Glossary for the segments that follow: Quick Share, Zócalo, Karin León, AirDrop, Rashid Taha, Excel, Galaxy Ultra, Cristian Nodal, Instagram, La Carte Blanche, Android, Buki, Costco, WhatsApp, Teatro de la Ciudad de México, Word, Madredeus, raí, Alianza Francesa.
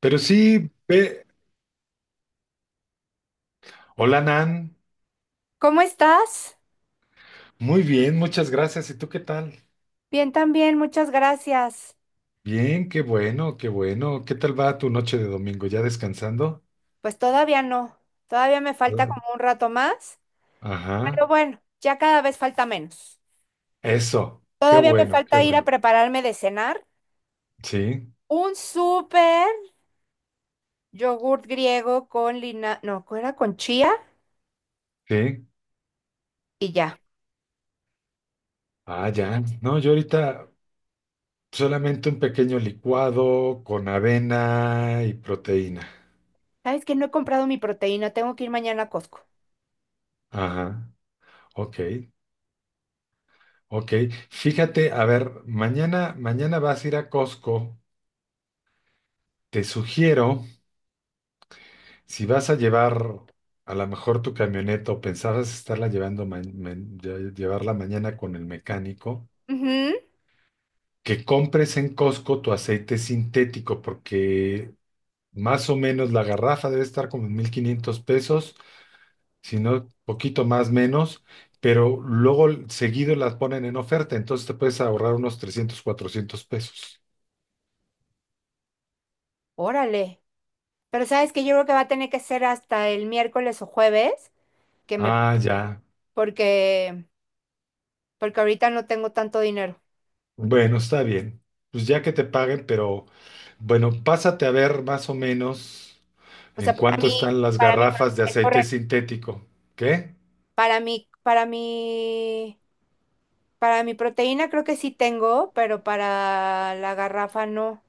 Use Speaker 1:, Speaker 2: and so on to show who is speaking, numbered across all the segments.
Speaker 1: Pero sí, ve. Hola, Nan.
Speaker 2: ¿Cómo estás?
Speaker 1: Muy bien, muchas gracias. ¿Y tú qué tal?
Speaker 2: Bien también, muchas gracias.
Speaker 1: Bien, qué bueno, qué bueno. ¿Qué tal va tu noche de domingo? ¿Ya descansando?
Speaker 2: Pues todavía no, todavía me falta
Speaker 1: Ah,
Speaker 2: como un rato más, pero
Speaker 1: ajá.
Speaker 2: bueno, ya cada vez falta menos.
Speaker 1: Eso. Qué
Speaker 2: Todavía me
Speaker 1: bueno, qué
Speaker 2: falta ir a
Speaker 1: bueno.
Speaker 2: prepararme de cenar
Speaker 1: Sí,
Speaker 2: un súper yogurt griego con lina, no, ¿cuál era? Con chía
Speaker 1: sí.
Speaker 2: y ya.
Speaker 1: Ah, ya. No, yo ahorita solamente un pequeño licuado con avena y proteína.
Speaker 2: ¿Sabes que no he comprado mi proteína? Tengo que ir mañana a Costco.
Speaker 1: Ajá. Ok, ok. Fíjate, a ver, mañana vas a ir a Costco. Te sugiero. Si vas a llevar a lo mejor tu camioneta o pensabas estarla llevando llevarla mañana con el mecánico,
Speaker 2: Ujú.
Speaker 1: que compres en Costco tu aceite sintético, porque más o menos la garrafa debe estar como en 1,500 pesos, si no, poquito más menos, pero luego seguido las ponen en oferta, entonces te puedes ahorrar unos 300 400 pesos.
Speaker 2: Órale. Pero sabes que yo creo que va a tener que ser hasta el miércoles o jueves que me,
Speaker 1: Ah, ya.
Speaker 2: porque porque ahorita no tengo tanto dinero.
Speaker 1: Bueno, está bien. Pues ya que te paguen, pero bueno, pásate a ver más o menos.
Speaker 2: O
Speaker 1: ¿En
Speaker 2: sea, para
Speaker 1: cuánto
Speaker 2: mí,
Speaker 1: están las garrafas de
Speaker 2: es
Speaker 1: aceite
Speaker 2: correcto.
Speaker 1: sintético? ¿Qué?
Speaker 2: Para mí, para mí, para mi proteína creo que sí tengo, pero para la garrafa no.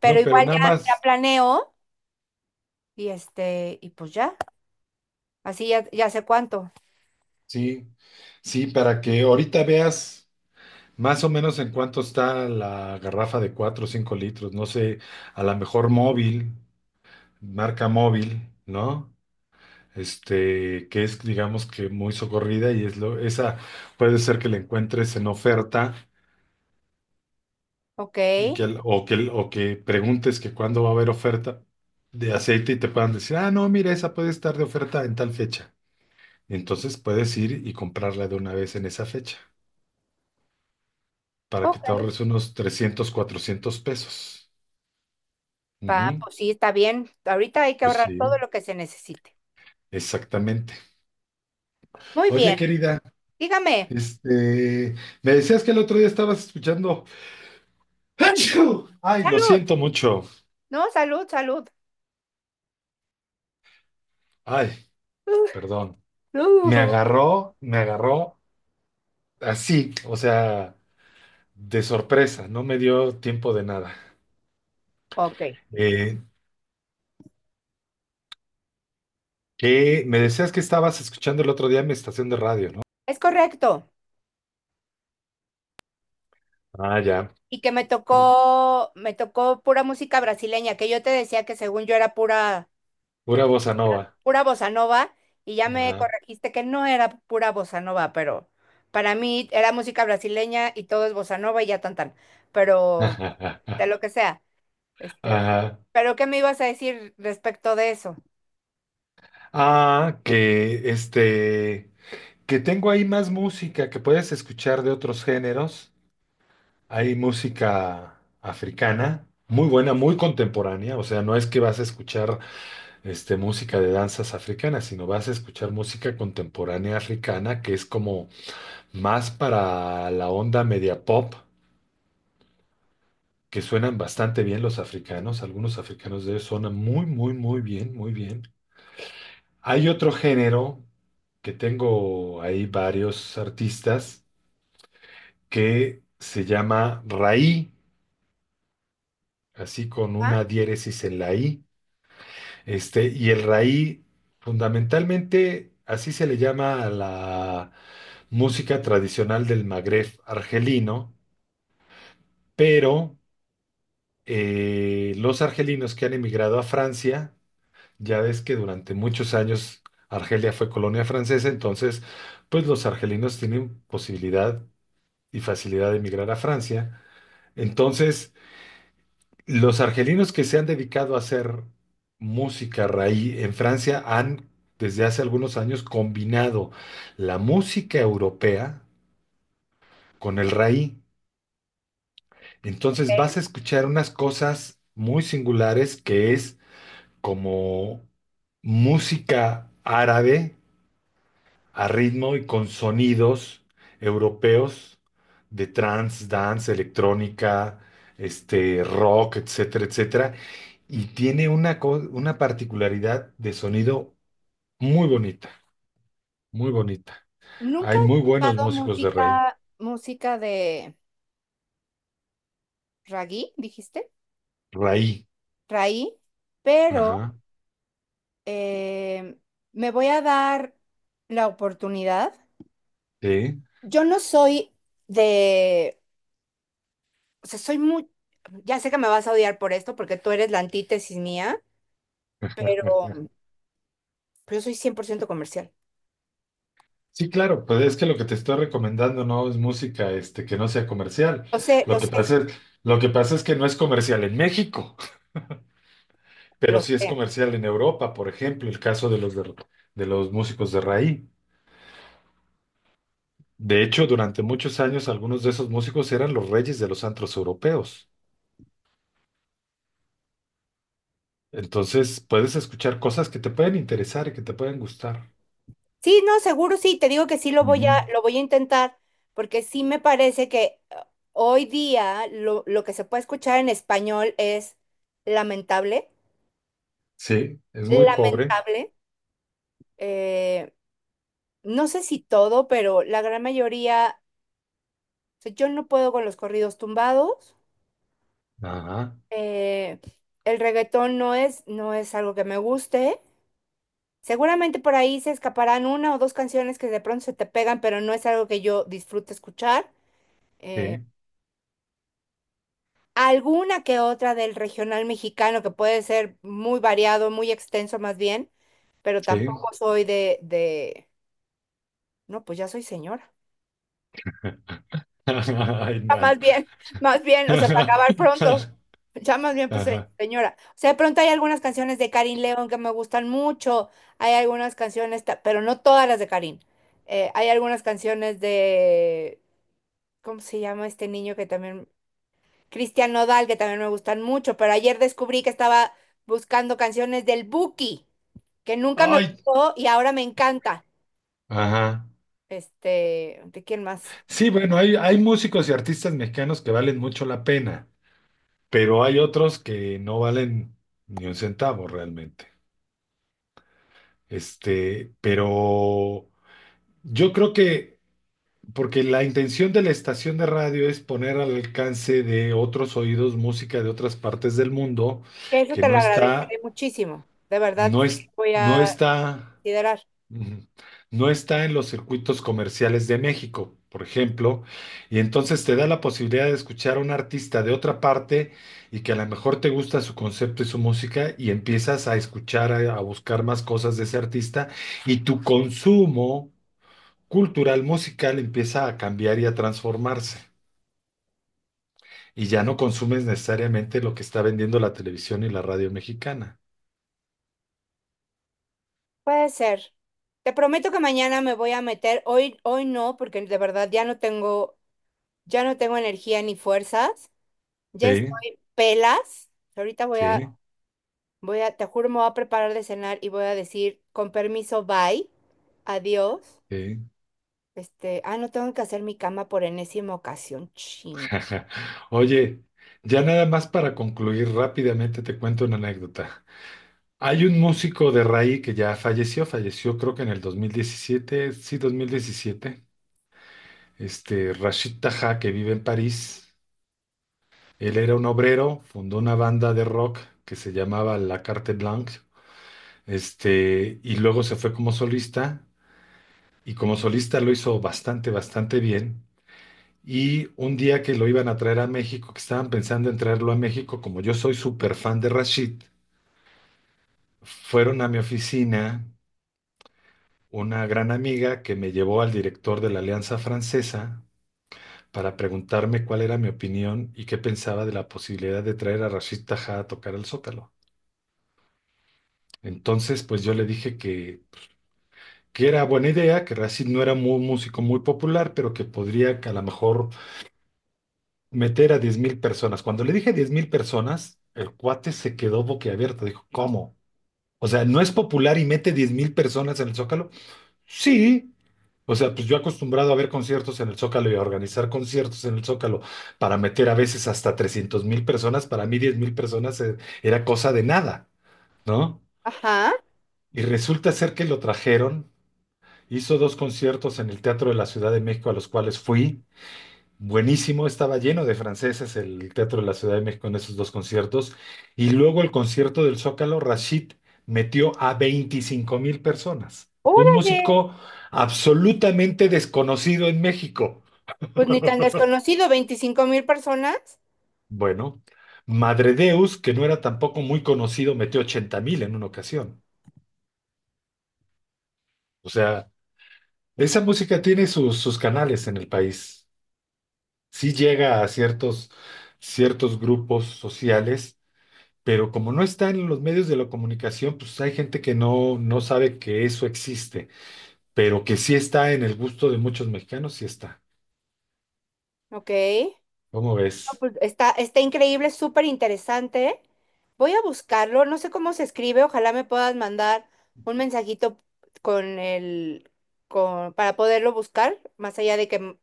Speaker 2: Pero
Speaker 1: No, pero
Speaker 2: igual
Speaker 1: nada
Speaker 2: ya, ya
Speaker 1: más,
Speaker 2: planeo y y pues ya, así ya, ya sé cuánto.
Speaker 1: sí, sí, para que ahorita veas más o menos en cuánto está la garrafa de 4 o 5 litros, no sé, a lo mejor móvil, marca móvil, ¿no? Este, que es, digamos que muy socorrida y es lo, esa puede ser que la encuentres en oferta.
Speaker 2: Ok,
Speaker 1: Y que, o que, o que preguntes que cuándo va a haber oferta de aceite y te puedan decir, ah, no, mira, esa puede estar de oferta en tal fecha. Entonces puedes ir y comprarla de una vez en esa fecha para que
Speaker 2: ok.
Speaker 1: te ahorres unos 300 cuatrocientos pesos. Ujú.
Speaker 2: Pues sí, está bien. Ahorita hay que
Speaker 1: Pues
Speaker 2: ahorrar
Speaker 1: sí,
Speaker 2: todo lo que se necesite.
Speaker 1: exactamente.
Speaker 2: Muy bien,
Speaker 1: Oye, querida,
Speaker 2: dígame.
Speaker 1: este, me decías que el otro día estabas escuchando. ¡Achú! Ay, lo
Speaker 2: Salud.
Speaker 1: siento mucho.
Speaker 2: No, salud, salud.
Speaker 1: Ay, perdón.
Speaker 2: Uh,
Speaker 1: Me
Speaker 2: uh,
Speaker 1: agarró, me agarró así, o sea. De sorpresa, no me dio tiempo de nada.
Speaker 2: Ok,
Speaker 1: Eh, ¿Qué? Me decías que estabas escuchando el otro día en mi estación de radio, ¿no?
Speaker 2: es correcto.
Speaker 1: Ah, ya.
Speaker 2: Y que me tocó pura música brasileña, que yo te decía que según yo era pura, ¿qué
Speaker 1: Pura
Speaker 2: te-
Speaker 1: bossa nova.
Speaker 2: pura bossa nova, y ya me
Speaker 1: Ajá.
Speaker 2: corregiste que no era pura bossa nova, pero para mí era música brasileña y todo es bossa nova y ya tan tan, pero de lo que sea. Este,
Speaker 1: Ajá.
Speaker 2: pero ¿qué me ibas a decir respecto de eso?
Speaker 1: Ah, que este, que tengo ahí más música que puedes escuchar de otros géneros. Hay música africana, muy buena, muy contemporánea. O sea, no es que vas a escuchar este, música de danzas africanas, sino vas a escuchar música contemporánea africana, que es como más para la onda media pop, que suenan bastante bien los africanos, algunos africanos de ellos suenan muy, muy, muy bien, muy bien. Hay otro género que tengo ahí varios artistas que se llama raí, así con
Speaker 2: Ah,
Speaker 1: una diéresis en la i. Este, y el raí, fundamentalmente, así se le llama a la música tradicional del Magreb argelino, pero los argelinos que han emigrado a Francia, ya ves que durante muchos años Argelia fue colonia francesa, entonces pues los argelinos tienen posibilidad y facilidad de emigrar a Francia. Entonces, los argelinos que se han dedicado a hacer música raíz en Francia han desde hace algunos años combinado la música europea con el raí. Entonces vas a
Speaker 2: ok.
Speaker 1: escuchar unas cosas muy singulares que es como música árabe a ritmo y con sonidos europeos de trance, dance, electrónica, este rock, etcétera, etcétera, y tiene una particularidad de sonido muy bonita, muy bonita.
Speaker 2: Nunca
Speaker 1: Hay
Speaker 2: he
Speaker 1: muy buenos
Speaker 2: escuchado
Speaker 1: músicos de rey,
Speaker 2: música de ragui, dijiste,
Speaker 1: raí,
Speaker 2: raí, pero
Speaker 1: ajá,
Speaker 2: eh, me voy a dar la oportunidad.
Speaker 1: sí.
Speaker 2: Yo no soy de, o sea, soy muy, ya sé que me vas a odiar por esto porque tú eres la antítesis mía, pero yo soy 100% comercial.
Speaker 1: Sí, claro, pues es que lo que te estoy recomendando no es música, este, que no sea comercial.
Speaker 2: Lo sé,
Speaker 1: Lo
Speaker 2: lo
Speaker 1: que
Speaker 2: sé,
Speaker 1: pasa es, lo que pasa es que no es comercial en México, pero
Speaker 2: lo
Speaker 1: sí es
Speaker 2: sé.
Speaker 1: comercial en Europa, por ejemplo, el caso de los músicos de raíz. De hecho, durante muchos años algunos de esos músicos eran los reyes de los antros europeos. Entonces, puedes escuchar cosas que te pueden interesar y que te pueden gustar.
Speaker 2: Sí, no, seguro sí, te digo que sí
Speaker 1: Ujú.
Speaker 2: lo voy a intentar porque sí me parece que hoy día lo que se puede escuchar en español es lamentable,
Speaker 1: Sí, es muy pobre.
Speaker 2: lamentable. Eh, no sé si todo, pero la gran mayoría, o sea, yo no puedo con los corridos tumbados.
Speaker 1: Ajá,
Speaker 2: Eh, el reggaetón no es algo que me guste. Seguramente por ahí se escaparán una o dos canciones que de pronto se te pegan, pero no es algo que yo disfrute escuchar. Eh,
Speaker 1: sí,
Speaker 2: alguna que otra del regional mexicano que puede ser muy variado, muy extenso más bien, pero tampoco
Speaker 1: sí.
Speaker 2: soy de, no, pues ya soy señora.
Speaker 1: Ay,
Speaker 2: Más
Speaker 1: Nan.
Speaker 2: bien, más bien, o sea, para acabar pronto. Ya más bien, pues,
Speaker 1: Ajá.
Speaker 2: señora. O sea, de pronto hay algunas canciones de Karin León que me gustan mucho. Hay algunas pero no todas las de Karin. Hay algunas canciones de, ¿cómo se llama este niño que también? Cristian Nodal, que también me gustan mucho. Pero ayer descubrí que estaba buscando canciones del Buki, que nunca me
Speaker 1: Ay,
Speaker 2: gustó y ahora me encanta.
Speaker 1: ajá.
Speaker 2: Este, ¿de quién más?
Speaker 1: Sí, bueno, hay músicos y artistas mexicanos que valen mucho la pena, pero hay otros que no valen ni un centavo realmente. Este, pero yo creo que, porque la intención de la estación de radio es poner al alcance de otros oídos música de otras partes del mundo
Speaker 2: Que eso
Speaker 1: que
Speaker 2: te
Speaker 1: no
Speaker 2: lo
Speaker 1: está,
Speaker 2: agradeceré muchísimo. De verdad,
Speaker 1: no
Speaker 2: sí,
Speaker 1: es,
Speaker 2: voy
Speaker 1: no
Speaker 2: a
Speaker 1: está.
Speaker 2: considerar.
Speaker 1: Ujú. No está en los circuitos comerciales de México, por ejemplo, y entonces te da la posibilidad de escuchar a un artista de otra parte y que a lo mejor te gusta su concepto y su música y empiezas a escuchar, a buscar más cosas de ese artista y tu consumo cultural musical empieza a cambiar y a transformarse. Y ya no consumes necesariamente lo que está vendiendo la televisión y la radio mexicana.
Speaker 2: Puede ser. Te prometo que mañana me voy a meter. Hoy, hoy no, porque de verdad ya no tengo energía ni fuerzas. Ya
Speaker 1: Sí,
Speaker 2: estoy pelas. Ahorita
Speaker 1: sí,
Speaker 2: te juro, me voy a preparar de cenar y voy a decir, con permiso, bye. Adiós.
Speaker 1: sí.
Speaker 2: Este, ah, no tengo que hacer mi cama por enésima ocasión. Ching.
Speaker 1: Oye, ya nada más para concluir rápidamente te cuento una anécdota. Hay un músico de raíz que ya falleció, falleció creo que en el 2017, sí, 2017. Este Rashid Taha, que vive en París. Él era un obrero, fundó una banda de rock que se llamaba La Carte Blanche, este, y luego se fue como solista, y como solista lo hizo bastante, bastante bien. Y un día que lo iban a traer a México, que estaban pensando en traerlo a México, como yo soy súper fan de Rashid, fueron a mi oficina una gran amiga que me llevó al director de la Alianza Francesa para preguntarme cuál era mi opinión y qué pensaba de la posibilidad de traer a Rashid Tajá a tocar el Zócalo. Entonces, pues yo le dije que era buena idea, que Rashid no era un músico muy popular, pero que podría que a lo mejor meter a 10,000 personas. Cuando le dije 10,000 personas, el cuate se quedó boquiabierto. Dijo, ¿cómo? O sea, ¿no es popular y mete 10,000 personas en el Zócalo? Sí. O sea, pues yo acostumbrado a ver conciertos en el Zócalo y a organizar conciertos en el Zócalo para meter a veces hasta 300,000 personas, para mí 10,000 personas era cosa de nada, ¿no?
Speaker 2: Ajá.
Speaker 1: Y resulta ser que lo trajeron, hizo dos conciertos en el Teatro de la Ciudad de México a los cuales fui. Buenísimo, estaba lleno de franceses el Teatro de la Ciudad de México en esos dos conciertos. Y luego el concierto del Zócalo, Rashid metió a 25,000 personas. Un
Speaker 2: Órale.
Speaker 1: músico absolutamente desconocido en México.
Speaker 2: Pues ni tan desconocido, 25,000 personas.
Speaker 1: Bueno, Madredeus, que no era tampoco muy conocido, metió 80,000 en una ocasión. O sea, esa música tiene sus, sus canales en el país. Sí llega a ciertos, ciertos grupos sociales pero como no está en los medios de la comunicación, pues hay gente que no, no sabe que eso existe, pero que sí está en el gusto de muchos mexicanos, sí está.
Speaker 2: Ok.
Speaker 1: ¿Cómo
Speaker 2: No,
Speaker 1: ves?
Speaker 2: pues, está, está increíble, súper interesante. Voy a buscarlo, no sé cómo se escribe, ojalá me puedas mandar un mensajito con el, para poderlo buscar, más allá de que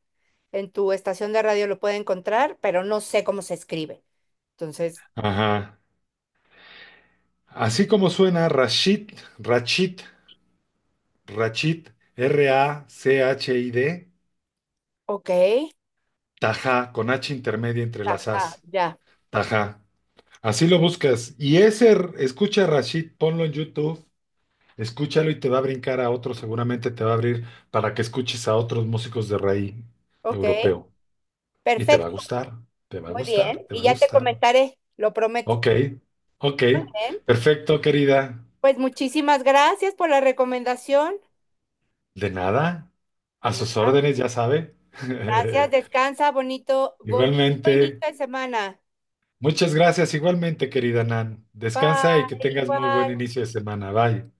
Speaker 2: en tu estación de radio lo pueda encontrar, pero no sé cómo se escribe. Entonces,
Speaker 1: Ajá. Así como suena Rashid, Rachid, Rachid, Rachid,
Speaker 2: ok,
Speaker 1: Tajá, con H intermedia entre las
Speaker 2: ajá,
Speaker 1: As,
Speaker 2: ya,
Speaker 1: Tajá. Así lo buscas. Y ese, escucha Rashid, ponlo en YouTube. Escúchalo y te va a brincar a otro, seguramente te va a abrir para que escuches a otros músicos de raíz
Speaker 2: ok,
Speaker 1: europeo. Y te va a
Speaker 2: perfecto,
Speaker 1: gustar, te va a
Speaker 2: muy
Speaker 1: gustar,
Speaker 2: bien,
Speaker 1: te va
Speaker 2: y
Speaker 1: a
Speaker 2: ya te
Speaker 1: gustar.
Speaker 2: comentaré, lo prometo.
Speaker 1: Ok, ok,
Speaker 2: Bien,
Speaker 1: perfecto, querida.
Speaker 2: pues muchísimas gracias por la recomendación.
Speaker 1: De nada, a
Speaker 2: No,
Speaker 1: sus
Speaker 2: gracias.
Speaker 1: órdenes, ya sabe.
Speaker 2: Gracias, descansa, bonito, bonito
Speaker 1: Igualmente,
Speaker 2: inicio de semana.
Speaker 1: muchas gracias, igualmente, querida Nan. Descansa y que
Speaker 2: Bye,
Speaker 1: tengas muy buen
Speaker 2: bye.
Speaker 1: inicio de semana. Bye.